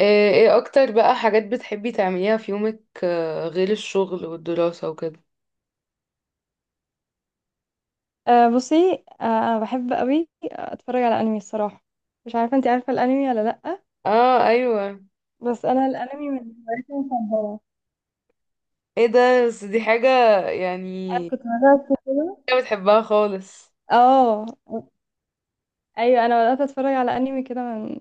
آه. ايه اكتر بقى حاجات بتحبي تعمليها في يومك غير الشغل والدراسة وكده؟ أه بصي، بحب قوي اتفرج على انمي، الصراحه. مش عارفه، انت عارفه الانمي ولا لا؟ اه ايوه. بس انا الانمي من هواياتي المفضله. ايه ده؟ بس دي حاجة انا يعني، كنت بدات كده. حاجة بتحبها خالص؟ اه، ايوه، انا بدات اتفرج على انمي كده من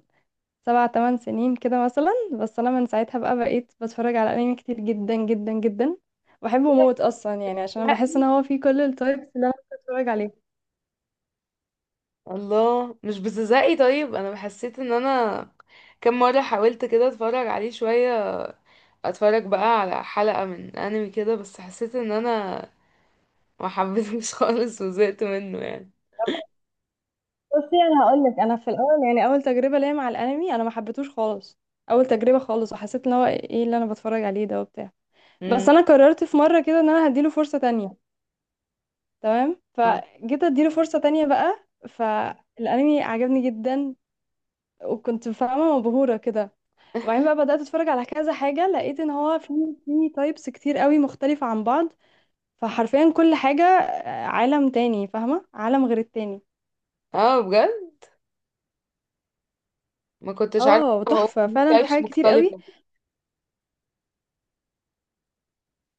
سبع تمن سنين كده مثلا. بس انا من ساعتها بقى بقيت بتفرج على انمي كتير جدا جدا جدا. بحبه موت اصلا، يعني عشان انا بحس زهقي؟ ان هو فيه كل التايبس اللي انا بتفرج عليها. الله، مش بتزهقي؟ طيب انا حسيت ان انا كم مرة حاولت كده اتفرج عليه شوية، اتفرج بقى على حلقة من انمي كده بس حسيت ان انا ما حبيتهوش خالص وزهقت منه يعني. بصي انا هقول لك، انا في الاول يعني اول تجربه ليا مع الانمي انا ما حبيتهوش خالص. اول تجربه خالص، وحسيت ان هو ايه اللي انا بتفرج عليه ده وبتاع. مم. بس انا قررت في مره كده ان انا هديله فرصه تانية. تمام، فجيت اديله فرصه تانية بقى، فالانمي عجبني جدا. وكنت فاهمه مبهوره كده. وبعدين بقى بدات اتفرج على كذا حاجه، لقيت ان هو في تايبس كتير قوي مختلفه عن بعض. فحرفيا كل حاجه، عالم تاني، فاهمه عالم غير التاني. اه بجد؟ ما كنتش عارفة اه، هو تحفه ليه فعلا، في types حاجات كتير قوي. مختلفة.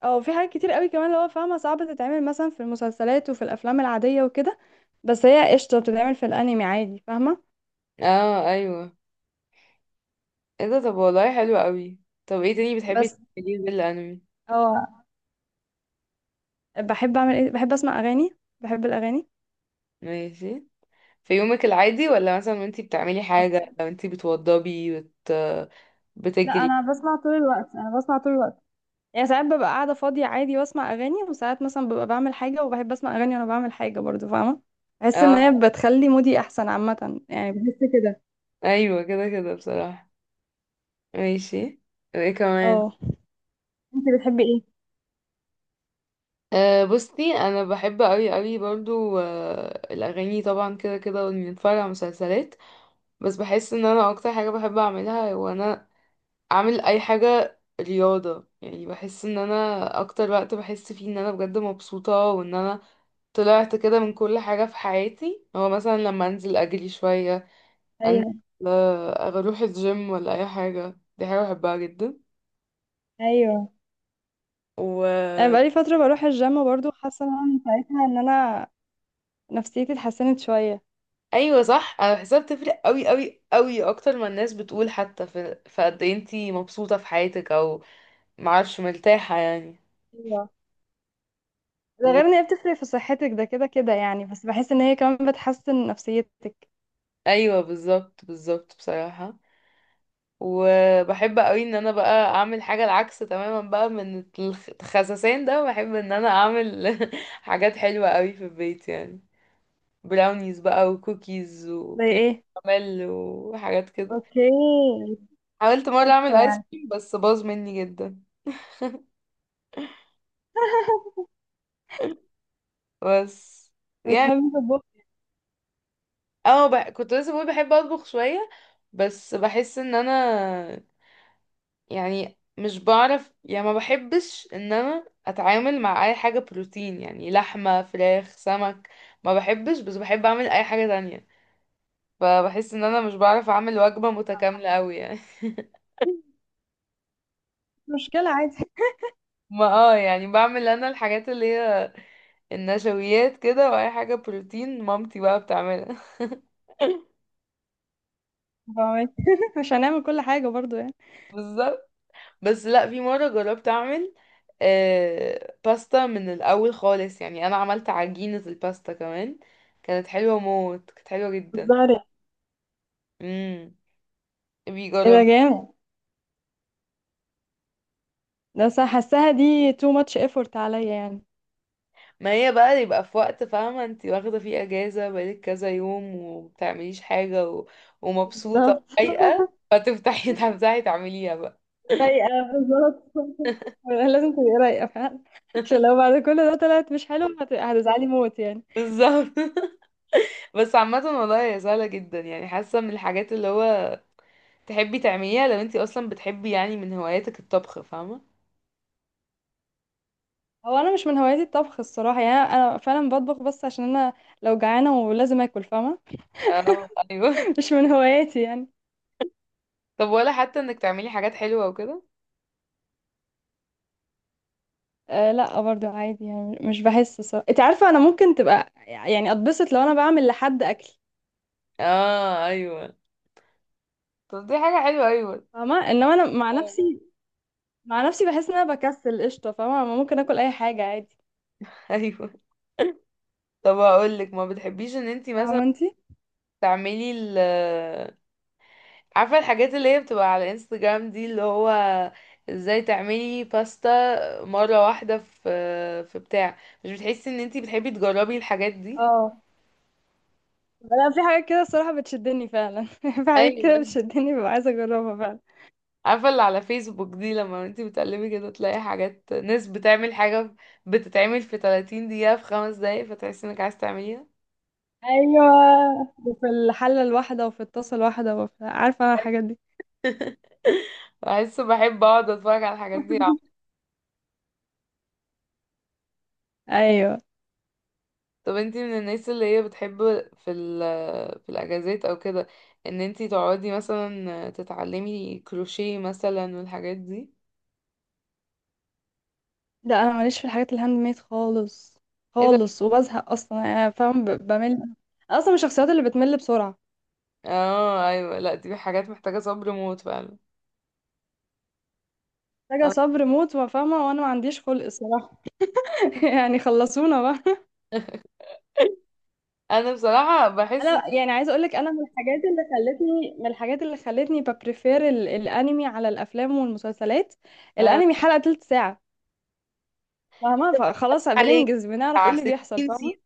او في حاجات كتير قوي كمان، اللي هو فاهمه صعب تتعمل مثلا في المسلسلات وفي الافلام العاديه وكده. بس هي قشطه بتتعمل في الانمي عادي، فاهمه. اه ايوه. ايه ده؟ طب والله حلو قوي. طب ايه تاني بتحبي بس، تعمليه غير الانمي؟ اه بحب اعمل ايه، بحب اسمع اغاني، بحب الاغاني. ماشي. في يومك العادي ولا مثلا وانتي بتعملي أوكي. حاجة، لو انتي بتوضبي لا، بتجري؟ انا بسمع طول الوقت، انا بسمع طول الوقت. يعني ساعات ببقى قاعده فاضيه عادي واسمع اغاني، وساعات مثلا ببقى بعمل حاجه وبحب اسمع اغاني وانا بعمل حاجه برضو، فاهمه. بحس ان هي اه بتخلي مودي احسن عامه، يعني بحس كده. ايوه، كده كده بصراحة. ماشي. ايه كمان؟ اه، انت بتحبي ايه؟ أه بصي، انا بحب قوي قوي برضو الاغاني طبعا كده كده، واني اتفرج على مسلسلات. بس بحس ان انا اكتر حاجة بحب اعملها وانا اعمل اي حاجة رياضة، يعني بحس ان انا اكتر وقت بحس فيه ان انا بجد مبسوطة وان انا طلعت كده من كل حاجة في حياتي، هو مثلا لما انزل اجري شوية، انزل ايوه، اروح الجيم ولا اي حاجة، دي حاجة بحبها جدا. ايوه، وايوه، انا بقالي فتره بروح الجيم برضو، حاسه ان انا من ساعتها ان انا نفسيتي اتحسنت شوية. صح، انا بحسها بتفرق قوي قوي قوي اكتر ما الناس بتقول، حتى في قد إيه انتي مبسوطة في حياتك او معرفش مرتاحة يعني. ايوه، ده غير و... ان هي بتفرق في صحتك ده كده كده، يعني بس بحس ان هي كمان بتحسن نفسيتك. ايوه بالظبط، بالظبط بصراحة. وبحب قوي ان انا بقى اعمل حاجة العكس تماما بقى، من الخساسين ده بحب ان انا اعمل حاجات حلوة قوي في البيت يعني، براونيز بقى وكوكيز زي وكريم ايه؟ كراميل وحاجات كده. اوكي، حاولت مرة بالظبط اعمل ايس يعني. كريم بس باظ مني جدا. بس يعني، بتحبي تطبخي؟ اه كنت لسه بقول بحب اطبخ شوية، بس بحس ان انا يعني مش بعرف، يعني ما بحبش ان انا اتعامل مع اي حاجة بروتين، يعني لحمة فراخ سمك ما بحبش، بس بحب اعمل اي حاجة تانية. فبحس ان انا مش بعرف اعمل وجبة متكاملة قوي يعني. مش مشكلة عادي، ما يعني بعمل انا الحاجات اللي هي النشويات كده، واي حاجة بروتين مامتي بقى بتعملها. فاهمك. مش هنعمل كل حاجة برضو يعني. بالظبط. بس لا، في مرة جربت اعمل باستا من الاول خالص، يعني انا عملت عجينة الباستا كمان، كانت حلوة موت، كانت حلوة جدا. بتهزري؟ مم. ايه ده! بيجربي. جامد. ده صح، حاساها دي too much effort عليا يعني. ما هي بقى يبقى في وقت فاهمة، انت واخدة فيه اجازة بقالك كذا يوم ومبتعمليش حاجة ومبسوطة بالظبط. ورايقة، فتفتحي تفتحي تعمليها بقى. رايقة. بالظبط، لازم تبقي رايقة فعلا. عشان لو بعد كل ده طلعت مش حلو، هتزعلي موت يعني. بالظبط. بس عامة والله هي سهلة جدا يعني، حاسة من الحاجات اللي هو تحبي تعمليها لو انتي اصلا بتحبي، يعني من هواياتك الطبخ فاهمة. هو انا مش من هواياتي الطبخ الصراحه يعني. انا فعلا بطبخ بس عشان انا لو جعانه ولازم اكل، فاهمه. اه ايوه. مش من هواياتي يعني. طب ولا حتى انك تعملي حاجات حلوة وكده؟ أه لا، برضو عادي يعني، مش بحس الصراحه، انت عارفه انا ممكن تبقى يعني اتبسط لو انا بعمل لحد اكل. اه ايوه، طب دي حاجة حلوة، ايوه. فاهمه انما انا مع اه. نفسي، مع نفسي بحس ان انا بكسل قشطه، فاهمه أنا ممكن اكل اي حاجه عادي. ايوه. طب هقولك، ما بتحبيش ان انتي مثلا فاهمه انت تعملي عارفة الحاجات اللي هي بتبقى على انستجرام دي، اللي هو ازاي تعملي باستا مرة واحدة في بتاع، مش بتحسي ان انتي بتحبي تجربي الحاجات دي؟ اه لا، في حاجات كده الصراحه بتشدني فعلا. في حاجات ايوه، كده بتشدني، ببقى عايزه اجربها فعلا. عارفة اللي على فيسبوك دي، لما انتي بتقلبي كده تلاقي حاجات ناس بتعمل حاجة بتتعمل في 30 دقيقة، في 5 دقايق، فتحسي انك عايز تعمليها. ايوه، وفي الحله الواحده، وفي الطاسه الواحده، وفي عارفه انا الحاجات دي. بحس، بحب اقعد اتفرج على الحاجات دي. ايوه، طب انتي من الناس اللي هي بتحب في ال في الاجازات او كده ان انتي تقعدي مثلا تتعلمي كروشيه مثلا والحاجات دي؟ لا انا ماليش في الحاجات الهاند ميد خالص ايه ده. خالص، وبزهق اصلا يعني، انا فاهم بمل. أنا اصلا من الشخصيات اللي بتمل بسرعه. اه ايوه، لا دي حاجات محتاجة صبر موت فعلا. محتاجه انا صبر موت وفاهمه، وانا ما عنديش خلق الصراحه. يعني خلصونا بقى. انا بصراحة بحس ان انا يعني عايزه اقولك، انا من الحاجات اللي خلتني ببريفير الانمي على الافلام والمسلسلات. اه، الانمي حلقه تلت ساعه، فاهمه، فخلاص عليك بننجز، بنعرف ايه بتاع اللي بيحصل، 60 سيزون، فاهمه.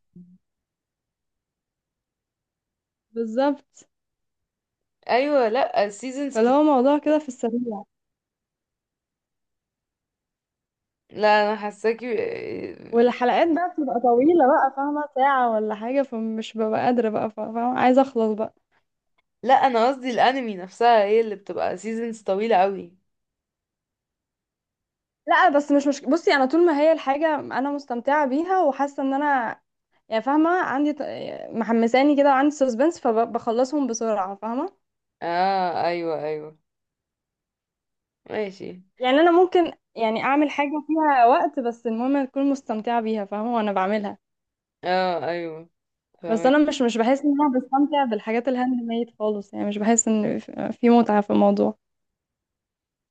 بالظبط، ايوه، لا سيزونز فاللي هو موضوع كده في السريع. لا انا حاساكي. والحلقات بقى بتبقى طويلة بقى، فاهمة، ساعة ولا حاجة، فمش ببقى قادرة بقى، فاهمة، عايزة أخلص بقى. لا انا قصدي الانمي نفسها هي اللي بتبقى سيزونز طويلة قوي. لا بس مش بصي، أنا طول ما هي الحاجة أنا مستمتعة بيها وحاسة إن أنا، يعني فاهمة، عندي محمساني كده وعندي سسبنس، فبخلصهم بسرعة، فاهمة. اه ايوه ايوه. ماشي. يعني أنا ممكن يعني أعمل حاجة فيها وقت، بس المهم أكون مستمتعة بيها، فاهمة وأنا بعملها. اه ايوه، بس أنا فاهمك. مش بحس إن أنا بستمتع بالحاجات الهاند ميد خالص يعني، مش بحس إن في متعة في الموضوع.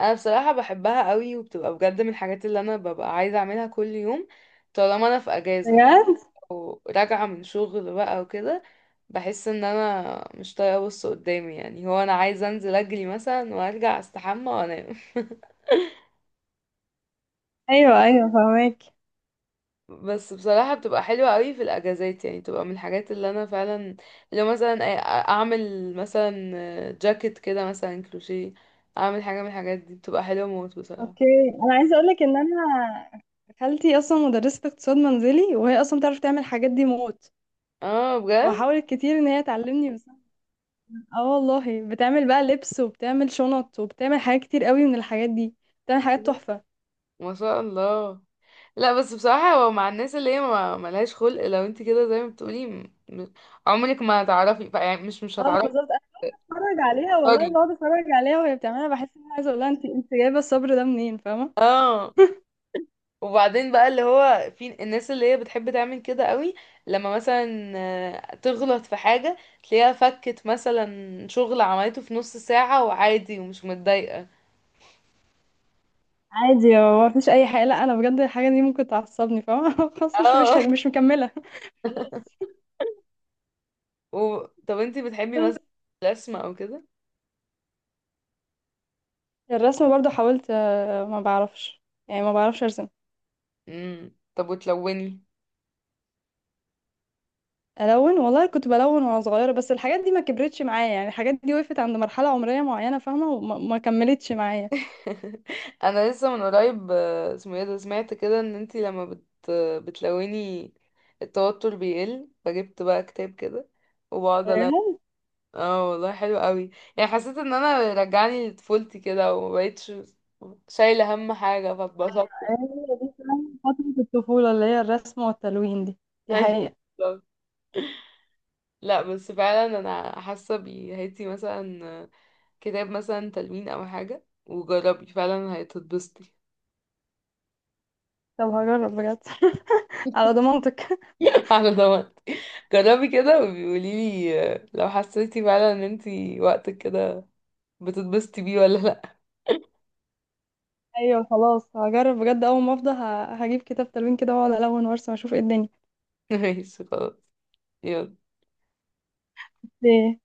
انا بصراحة بحبها قوي، وبتبقى بجد من الحاجات اللي انا ببقى عايزة اعملها كل يوم، طالما انا في اجازة بجد؟ او راجعة من شغل بقى وكده، بحس ان انا مش طايقة ابص قدامي، يعني هو انا عايزة انزل اجري مثلا وارجع استحمى وانام أيوه، أيوه، فاهمك. بس بصراحة بتبقى حلوة قوي في الأجازات، يعني بتبقى من الحاجات اللي أنا فعلا، لو مثلا أعمل مثلا جاكيت كده مثلا كروشيه، أعمل حاجة من الحاجات دي بتبقى حلوة موت بصراحة. اوكي، انا عايزه اقول لك ان انا خالتي اصلا مدرسه اقتصاد منزلي، وهي اصلا بتعرف تعمل الحاجات دي موت. اه بجد. وحاولت كتير ان هي تعلمني، بس اه، والله بتعمل بقى لبس، وبتعمل شنط، وبتعمل حاجات كتير قوي من الحاجات دي. بتعمل حاجات تحفه. ما شاء الله. لا بس بصراحة، هو مع الناس اللي هي ما ملهاش خلق لو انت كده زي ما بتقولي، عمرك ما هتعرفي يعني مش اه هتعرفي بالظبط، انا بتفرج عليها والله، تختاري. بقعد اتفرج عليها وهي بتعملها، بحس ان انا عايزه اقول لها انت جايبه الصبر ده منين؟ فاهمه. اه، وبعدين بقى اللي هو في الناس اللي هي بتحب تعمل كده قوي، لما مثلا تغلط في حاجة تلاقيها فكت مثلا شغل عملته في نص ساعة وعادي ومش متضايقة. عادي، هو مفيش اي حاجه، لا انا بجد الحاجه دي ممكن تعصبني، فاهمه. خلاص، مش مش اه. مش مكمله. خلاص. و... طب انت بتحبي بس مثلا الرسم او كده؟ الرسم برضو حاولت، ما بعرفش. يعني ما بعرفش ارسم. طب وتلوني؟ الون والله كنت بلون وانا صغيره، بس الحاجات دي ما كبرتش معايا، يعني الحاجات دي وقفت عند مرحله عمريه معينه، فاهمه، وما ما كملتش معايا. انا لسه من قريب اسمه ايه ده، سمعت كده ان انتي لما بتلوني التوتر بيقل، فجبت بقى كتاب كده وبقعد الون. فاهمة؟ اه والله حلو قوي، يعني حسيت ان انا رجعني لطفولتي كده ومبقتش شايله هم حاجه، فاتبسطت هي دي فعلاً فتره الطفوله اللي هي الرسم والتلوين دي. دي ايوه حقيقه. بالظبط. لا بس فعلا انا حاسه بيه، هاتي مثلا كتاب مثلا تلوين او حاجه وجربي فعلا هتتبسطي. طب، هجرب بجد. على ضمانتك. على ضمانتي. جربي كده وبيقولي لي، لو حسيتي فعلا ان انتي وقتك كده بتتبسطي بيه ولا لا. ايوه، خلاص هجرب بجد اول ما افضى، هجيب كتاب تلوين كده واقعد الون وارسم اشوف ايه ماشي خلاص. يلا. الدنيا.